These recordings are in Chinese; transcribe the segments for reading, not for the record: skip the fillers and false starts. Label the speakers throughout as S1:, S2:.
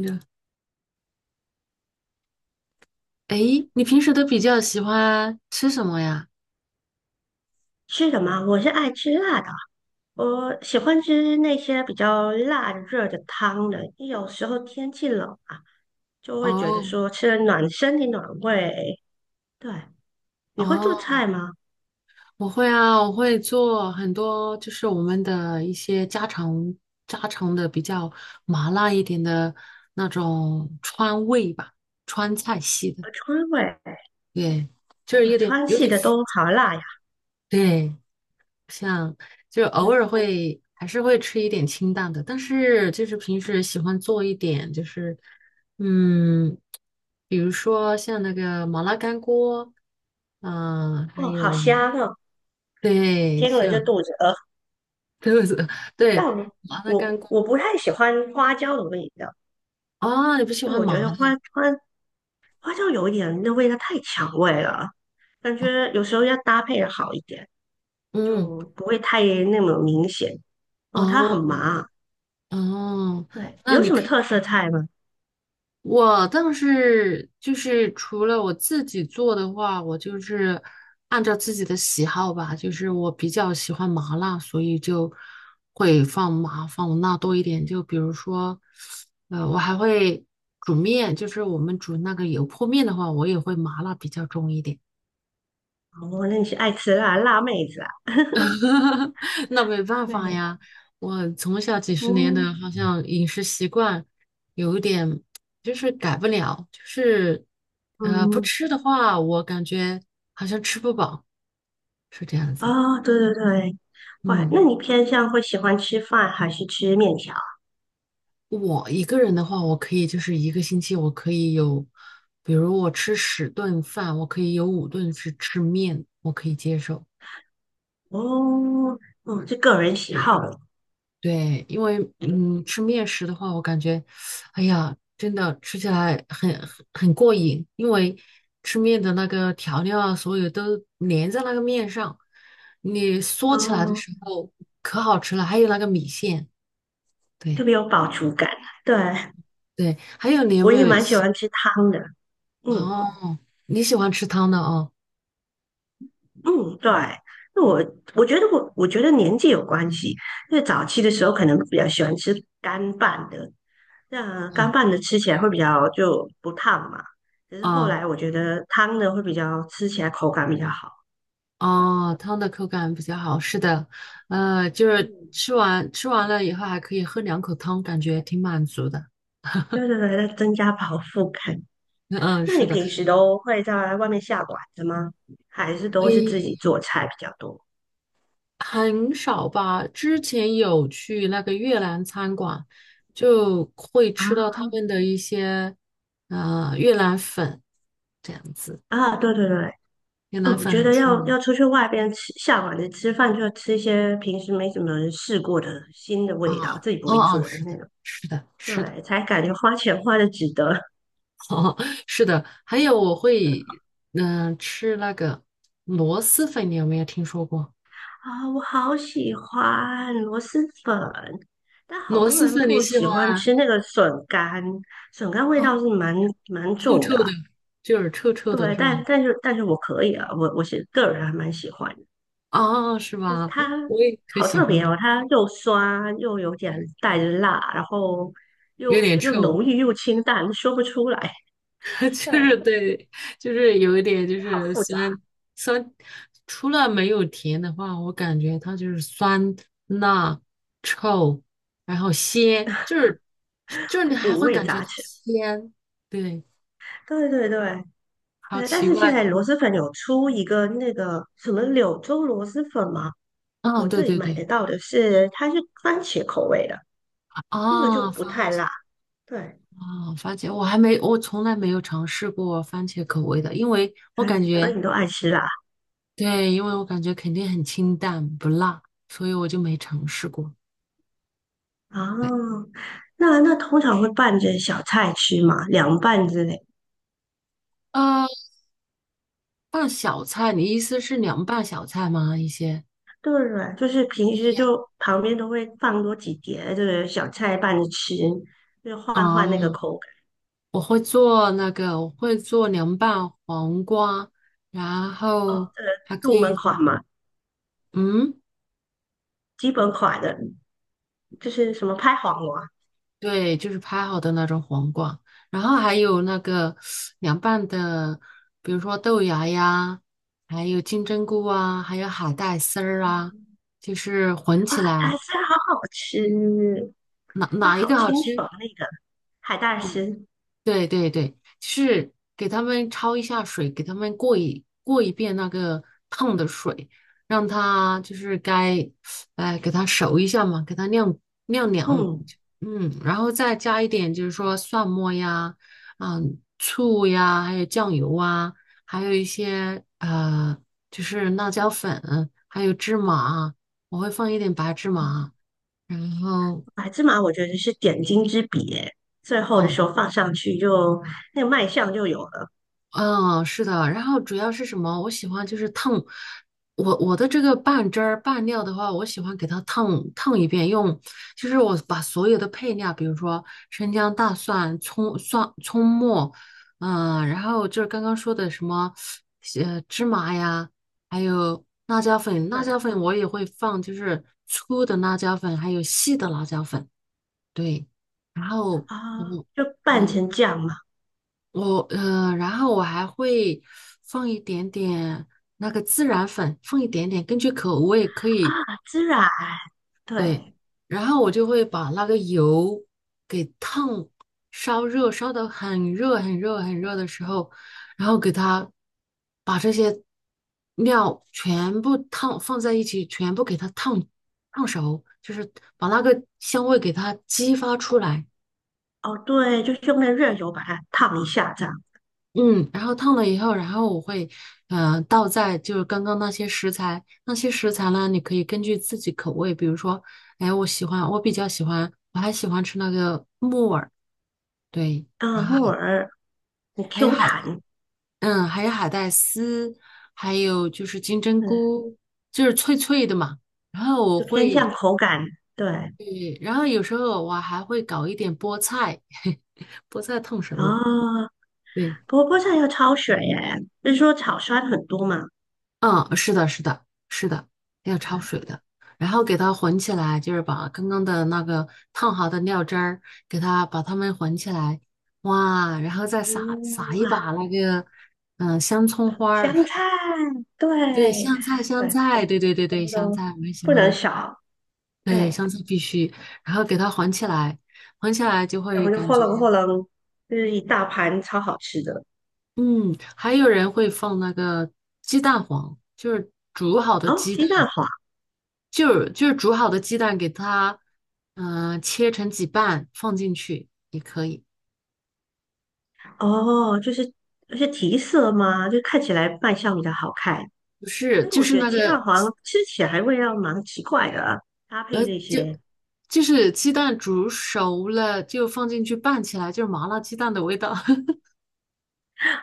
S1: 的，诶，你平时都比较喜欢吃什么呀？
S2: 吃的吗？我是爱吃辣的，我喜欢吃那些比较辣热的汤的。有时候天气冷啊，就会觉得
S1: 哦
S2: 说吃了暖身体暖胃。对，你会做
S1: 哦，
S2: 菜吗？
S1: 我会啊，我会做很多，就是我们的一些家常的比较麻辣一点的那种川味吧，川菜系的，
S2: 川味，
S1: 对，就是有点
S2: 川
S1: 有
S2: 系
S1: 点
S2: 的
S1: 复
S2: 都
S1: 杂，
S2: 好辣呀。
S1: 对。像就是
S2: 嗯，
S1: 偶尔会还是会吃一点清淡的，但是就是平时喜欢做一点，就是嗯，比如说像那个麻辣干锅，还
S2: 哦，好
S1: 有
S2: 香哦，
S1: 对，
S2: 听了就
S1: 像
S2: 肚子饿。
S1: 对
S2: 但
S1: 对
S2: 我
S1: 麻辣
S2: 我
S1: 干锅
S2: 我不太喜欢花椒的味道，
S1: 啊，你不喜
S2: 因为
S1: 欢
S2: 我觉得
S1: 麻的
S2: 花
S1: 呀？
S2: 花花椒有一点那味道太抢味了，感觉有时候要搭配的好一点。
S1: 嗯，
S2: 就不会太那么明显。哦，它
S1: 哦
S2: 很麻，
S1: 哦，
S2: 对，
S1: 那
S2: 有
S1: 你
S2: 什么
S1: 可以。
S2: 特色菜吗？
S1: 我倒是就是除了我自己做的话，我就是按照自己的喜好吧，就是我比较喜欢麻辣，所以就会放麻放辣多一点。就比如说，我还会煮面，就是我们煮那个油泼面的话，我也会麻辣比较重一点。
S2: 哦，那你是爱吃辣辣妹子啊？
S1: 那没办法
S2: 对，
S1: 呀，我从小几十年
S2: 嗯
S1: 的好像饮食习惯有一点就是改不了，就是不
S2: 嗯，
S1: 吃的话，我感觉好像吃不饱，是这样子。
S2: 哦，对对对，哇，
S1: 嗯，
S2: 那你偏向会喜欢吃饭还是吃面条？
S1: 我一个人的话，我可以就是一个星期我可以有，比如我吃10顿饭，我可以有5顿是吃面，我可以接受。
S2: 哦，哦，这个人喜好了
S1: 对，因为吃面食的话，我感觉，哎呀，真的吃起来很过瘾，因为吃面的那个调料啊，所有都粘在那个面上，你嗦起来的
S2: 哦，
S1: 时候可好吃了。还有那个米线，
S2: 特
S1: 对
S2: 别有饱足感。对，
S1: 对，还有你有
S2: 我
S1: 没
S2: 也
S1: 有
S2: 蛮喜
S1: 喜
S2: 欢吃汤的，嗯
S1: 哦？你喜欢吃汤的哦？
S2: 嗯，对。那我觉得年纪有关系，因为早期的时候可能比较喜欢吃干拌的，那干
S1: 嗯
S2: 拌的吃起来会比较就不烫嘛，只是后
S1: 啊
S2: 来我觉得汤的会比较吃起来口感比较好。对，
S1: 哦，汤的口感比较好，是的，就是
S2: 嗯，
S1: 吃完了以后还可以喝两口汤，感觉挺满足的。
S2: 对对对，在增加饱腹感。
S1: 嗯，
S2: 那你
S1: 是的。
S2: 平时都会在外面下馆子吗？还是都是自
S1: 诶，
S2: 己做菜比较多？
S1: 很少吧。之前有去那个越南餐馆，就会
S2: 啊
S1: 吃到他们的一些越南粉这样子。
S2: 啊，对对对，
S1: 越
S2: 哦，
S1: 南
S2: 我
S1: 粉
S2: 觉
S1: 很
S2: 得
S1: 出
S2: 要
S1: 名
S2: 要出去外边吃下馆子吃饭，就要吃一些平时没怎么人试过的新的
S1: 啊，
S2: 味道，自己不
S1: 哦
S2: 会
S1: 哦，
S2: 做的
S1: 是的，
S2: 那种，
S1: 是的，是的，
S2: 对，才感觉花钱花的值得。
S1: 哦，是的。还有我会吃那个螺蛳粉，你有没有听说过？
S2: 啊，我好喜欢螺蛳粉，但好
S1: 螺
S2: 多
S1: 蛳
S2: 人
S1: 粉你
S2: 不
S1: 喜
S2: 喜
S1: 欢
S2: 欢
S1: 啊？
S2: 吃那个笋干，笋干味
S1: 哦，
S2: 道是蛮
S1: 臭
S2: 重的
S1: 臭
S2: 啊
S1: 的，就是臭臭的
S2: 对，
S1: 是吧？
S2: 但是我可以啊，我是个人还蛮喜欢的
S1: 啊，是
S2: 就是
S1: 吧？
S2: 它
S1: 我也可
S2: 好
S1: 喜
S2: 特
S1: 欢，
S2: 别哦，它又酸又有点带着辣，然后
S1: 有
S2: 又
S1: 点
S2: 又浓
S1: 臭。
S2: 郁又清淡，说不出来。
S1: 就是
S2: 对，
S1: 对，就是有一点就
S2: 好
S1: 是
S2: 复杂，
S1: 酸酸，除了没有甜的话，我感觉它就是酸、辣、臭，然后鲜，就是你还
S2: 五
S1: 会
S2: 味
S1: 感觉
S2: 杂
S1: 到
S2: 陈。
S1: 鲜，对，
S2: 对对对，
S1: 好
S2: 但
S1: 奇
S2: 是
S1: 怪
S2: 现在
S1: 的。
S2: 螺蛳粉有出一个那个什么柳州螺蛳粉吗？我
S1: 嗯，对
S2: 这里
S1: 对
S2: 买得
S1: 对，
S2: 到的是，它是番茄口味的，那个就
S1: 啊，
S2: 不太辣。对，
S1: 番茄，我还没，我从来没有尝试过番茄口味的，因为我
S2: 番茄，
S1: 感
S2: 而
S1: 觉，
S2: 你都爱吃辣
S1: 对，因为我感觉肯定很清淡不辣，所以我就没尝试过。
S2: 哦。那通常会拌着小菜吃嘛，凉拌之类。
S1: 呃，拌小菜，你意思是凉拌小菜吗？一些
S2: 对对，就是平时就旁边都会放多几碟这个小菜拌着吃，就换换那个
S1: 啊，
S2: 口感。
S1: 我会做那个，我会做凉拌黄瓜，然后还可
S2: 入门
S1: 以，
S2: 款嘛，
S1: 嗯，
S2: 基本款的，就是什么拍黄瓜
S1: 对，就是拍好的那种黄瓜，然后还有那个凉拌的，比如说豆芽呀，还有金针菇啊，还有海带丝儿啊，就是混
S2: 啊，
S1: 起
S2: 海
S1: 来，
S2: 带丝好好吃，
S1: 哪
S2: 那
S1: 哪一个
S2: 好
S1: 好
S2: 清
S1: 吃？
S2: 爽那个海带
S1: 嗯。
S2: 丝，
S1: 对对对，就是给他们焯一下水，给他们过一过一遍那个烫的水，让它就是该，哎，给它熟一下嘛，给它晾晾凉，
S2: 嗯。
S1: 嗯，然后再加一点就是说蒜末呀，嗯，醋呀，还有酱油啊，还有一些就是辣椒粉，还有芝麻，我会放一点白芝麻，然后。
S2: 白芝麻我觉得是点睛之笔耶，最后的
S1: 嗯
S2: 时候放上去就那个卖相就有了。
S1: 嗯，是的，然后主要是什么？我喜欢就是烫，我的这个拌汁儿拌料的话，我喜欢给它烫一遍，用就是我把所有的配料，比如说生姜、大蒜、葱、蒜、葱末，嗯，然后就是刚刚说的什么，芝麻呀，还有辣椒粉，辣
S2: 对
S1: 椒粉我也会放，就是粗的辣椒粉，还有细的辣椒粉，对，然后
S2: 啊，
S1: 我。
S2: 就拌
S1: 嗯
S2: 成酱嘛。
S1: 我呃，然后我还会放一点点那个孜然粉，放一点点，根据口味可
S2: 啊，
S1: 以，
S2: 孜然，
S1: 对。
S2: 对，
S1: 然后我就会把那个油给烫，烧热，烧得很热很热很热的时候，然后给它把这些料全部烫放在一起，全部给它烫熟，就是把那个香味给它激发出来。
S2: 哦对，就是用那个热油把它烫一下这样。
S1: 嗯，然后烫了以后，然后我会，倒在就是刚刚那些食材，那些食材呢，你可以根据自己口味，比如说，哎，我喜欢，我比较喜欢，我还喜欢吃那个木耳，对，然
S2: 嗯，
S1: 后
S2: 木
S1: 还
S2: 耳很
S1: 还有
S2: Q
S1: 海，
S2: 弹，
S1: 嗯，还有海带丝，还有就是金针
S2: 嗯，
S1: 菇，就是脆脆的嘛。然后我
S2: 就偏向
S1: 会，
S2: 口感。对，
S1: 对，然后有时候我还会搞一点菠菜，菠菜烫熟了，
S2: 哦，
S1: 对。
S2: 不过菠菜要焯水耶，就是说草酸很多嘛。
S1: 嗯，是的，是的，是的，要
S2: 对，
S1: 焯水的，然后给它混起来，就是把刚刚的那个烫好的料汁儿，给它把它们混起来，哇，然后再撒
S2: 嗯，
S1: 撒一
S2: 哇，
S1: 把那个，香葱花儿，
S2: 香菜，
S1: 对，
S2: 对
S1: 香菜，香
S2: 对，
S1: 菜，对对对
S2: 全
S1: 对，
S2: 部
S1: 香
S2: 都
S1: 菜，我很喜
S2: 不能
S1: 欢，
S2: 少。
S1: 对，
S2: 哎。
S1: 香菜必须，然后给它混起来，混起来就
S2: 小
S1: 会
S2: 朋友
S1: 感
S2: 哗
S1: 觉，
S2: 楞哗楞，就是一大盘超好吃的。
S1: 嗯，还有人会放那个鸡蛋黄，就是煮好的
S2: 哦，
S1: 鸡蛋。
S2: 鸡蛋黄，
S1: 就是煮好的鸡蛋给它，切成几瓣放进去也可以。
S2: 哦，就是提色吗？就看起来卖相比较好看，
S1: 不是，
S2: 但是
S1: 就
S2: 我
S1: 是
S2: 觉得
S1: 那
S2: 鸡蛋
S1: 个，
S2: 黄吃起来味道蛮奇怪的啊搭配这些
S1: 就是鸡蛋煮熟了就放进去拌起来，就是麻辣鸡蛋的味道。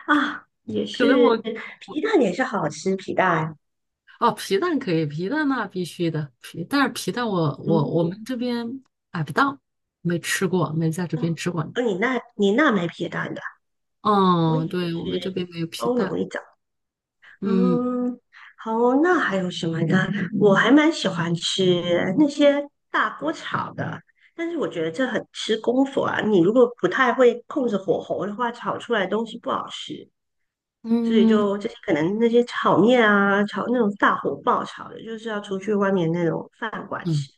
S2: 啊，也
S1: 可能
S2: 是
S1: 我
S2: 皮蛋也是好吃，皮蛋，
S1: 哦，皮蛋可以，皮蛋那必须的，但是皮蛋我
S2: 嗯，
S1: 们这边买不到，没吃过，没在这边吃过。
S2: 哦，你那没皮蛋的啊，我
S1: 嗯，
S2: 以为
S1: 对，我们这
S2: 是
S1: 边没有皮
S2: 欧
S1: 蛋。
S2: 容一种。
S1: 嗯
S2: 嗯，好哦，那还有什么呢？我还蛮喜欢吃那些大锅炒的，但是我觉得这很吃功夫啊。你如果不太会控制火候的话，炒出来的东西不好吃。所以
S1: 嗯
S2: 就这些可能那些炒面啊，炒那种大火爆炒的，就是要出去外面那种饭馆
S1: 嗯。
S2: 吃。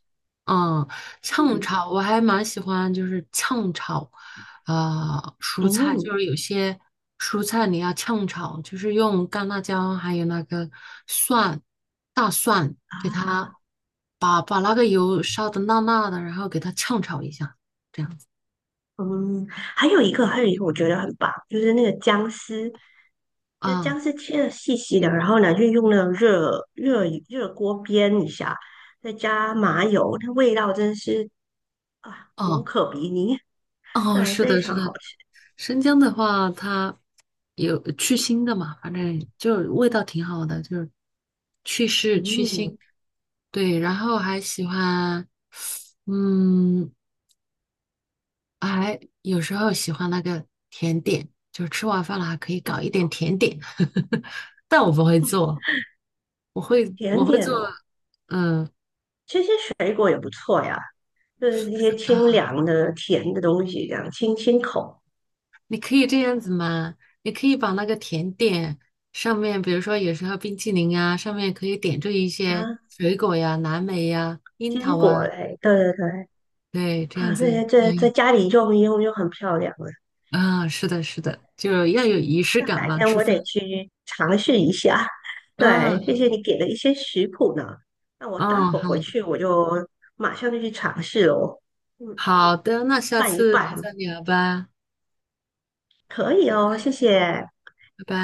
S1: 嗯，炝
S2: 嗯
S1: 炒我还蛮喜欢，就是炝炒，蔬菜，就
S2: 嗯。
S1: 是有些蔬菜你要炝炒，就是用干辣椒还有那个蒜、大蒜，给
S2: 啊
S1: 它把那个油烧的辣辣的，然后给它炝炒一下，这样子。
S2: 嗯，还有一个，还有一个，我觉得很棒，就是那个姜丝。就
S1: 啊，
S2: 姜丝切的细细的，然后呢，就用那个热锅煸一下，再加麻油，那味道真是啊无
S1: 哦
S2: 可比拟，
S1: 哦，
S2: 对，
S1: 是
S2: 非
S1: 的，是
S2: 常好
S1: 的，
S2: 吃。
S1: 生姜的话，它有去腥的嘛，反正就是味道挺好的，就是去湿去
S2: 嗯，
S1: 腥。对，然后还喜欢，嗯，还有时候喜欢那个甜点，就是吃完饭了还可以
S2: 哦，
S1: 搞一点甜点，但我不会做，我会
S2: 甜
S1: 我会做，
S2: 点哦，
S1: 嗯。
S2: 这些水果也不错呀，就是一些清凉的甜的东西，这样清清口
S1: 你可以这样子嘛？你可以把那个甜点上面，比如说有时候冰淇淋啊，上面可以点缀一些
S2: 啊。
S1: 水果呀、蓝莓呀、樱
S2: 坚
S1: 桃
S2: 果
S1: 啊，
S2: 类，对对对，
S1: 对，这样
S2: 啊，那
S1: 子。
S2: 些在
S1: 嗯
S2: 家里用一用就很漂亮了。
S1: 啊，是的，是的，就要有仪式感
S2: 改
S1: 嘛，
S2: 天
S1: 吃
S2: 我
S1: 饭。
S2: 得去尝试一下。对，谢
S1: 嗯
S2: 谢你给的一些食谱呢，那我待
S1: 嗯，
S2: 会儿回
S1: 好
S2: 去我就马上就去尝试哦。嗯，
S1: 好的，那下
S2: 拌一
S1: 次
S2: 拌，
S1: 再聊吧，
S2: 可以哦，谢谢。
S1: 拜拜。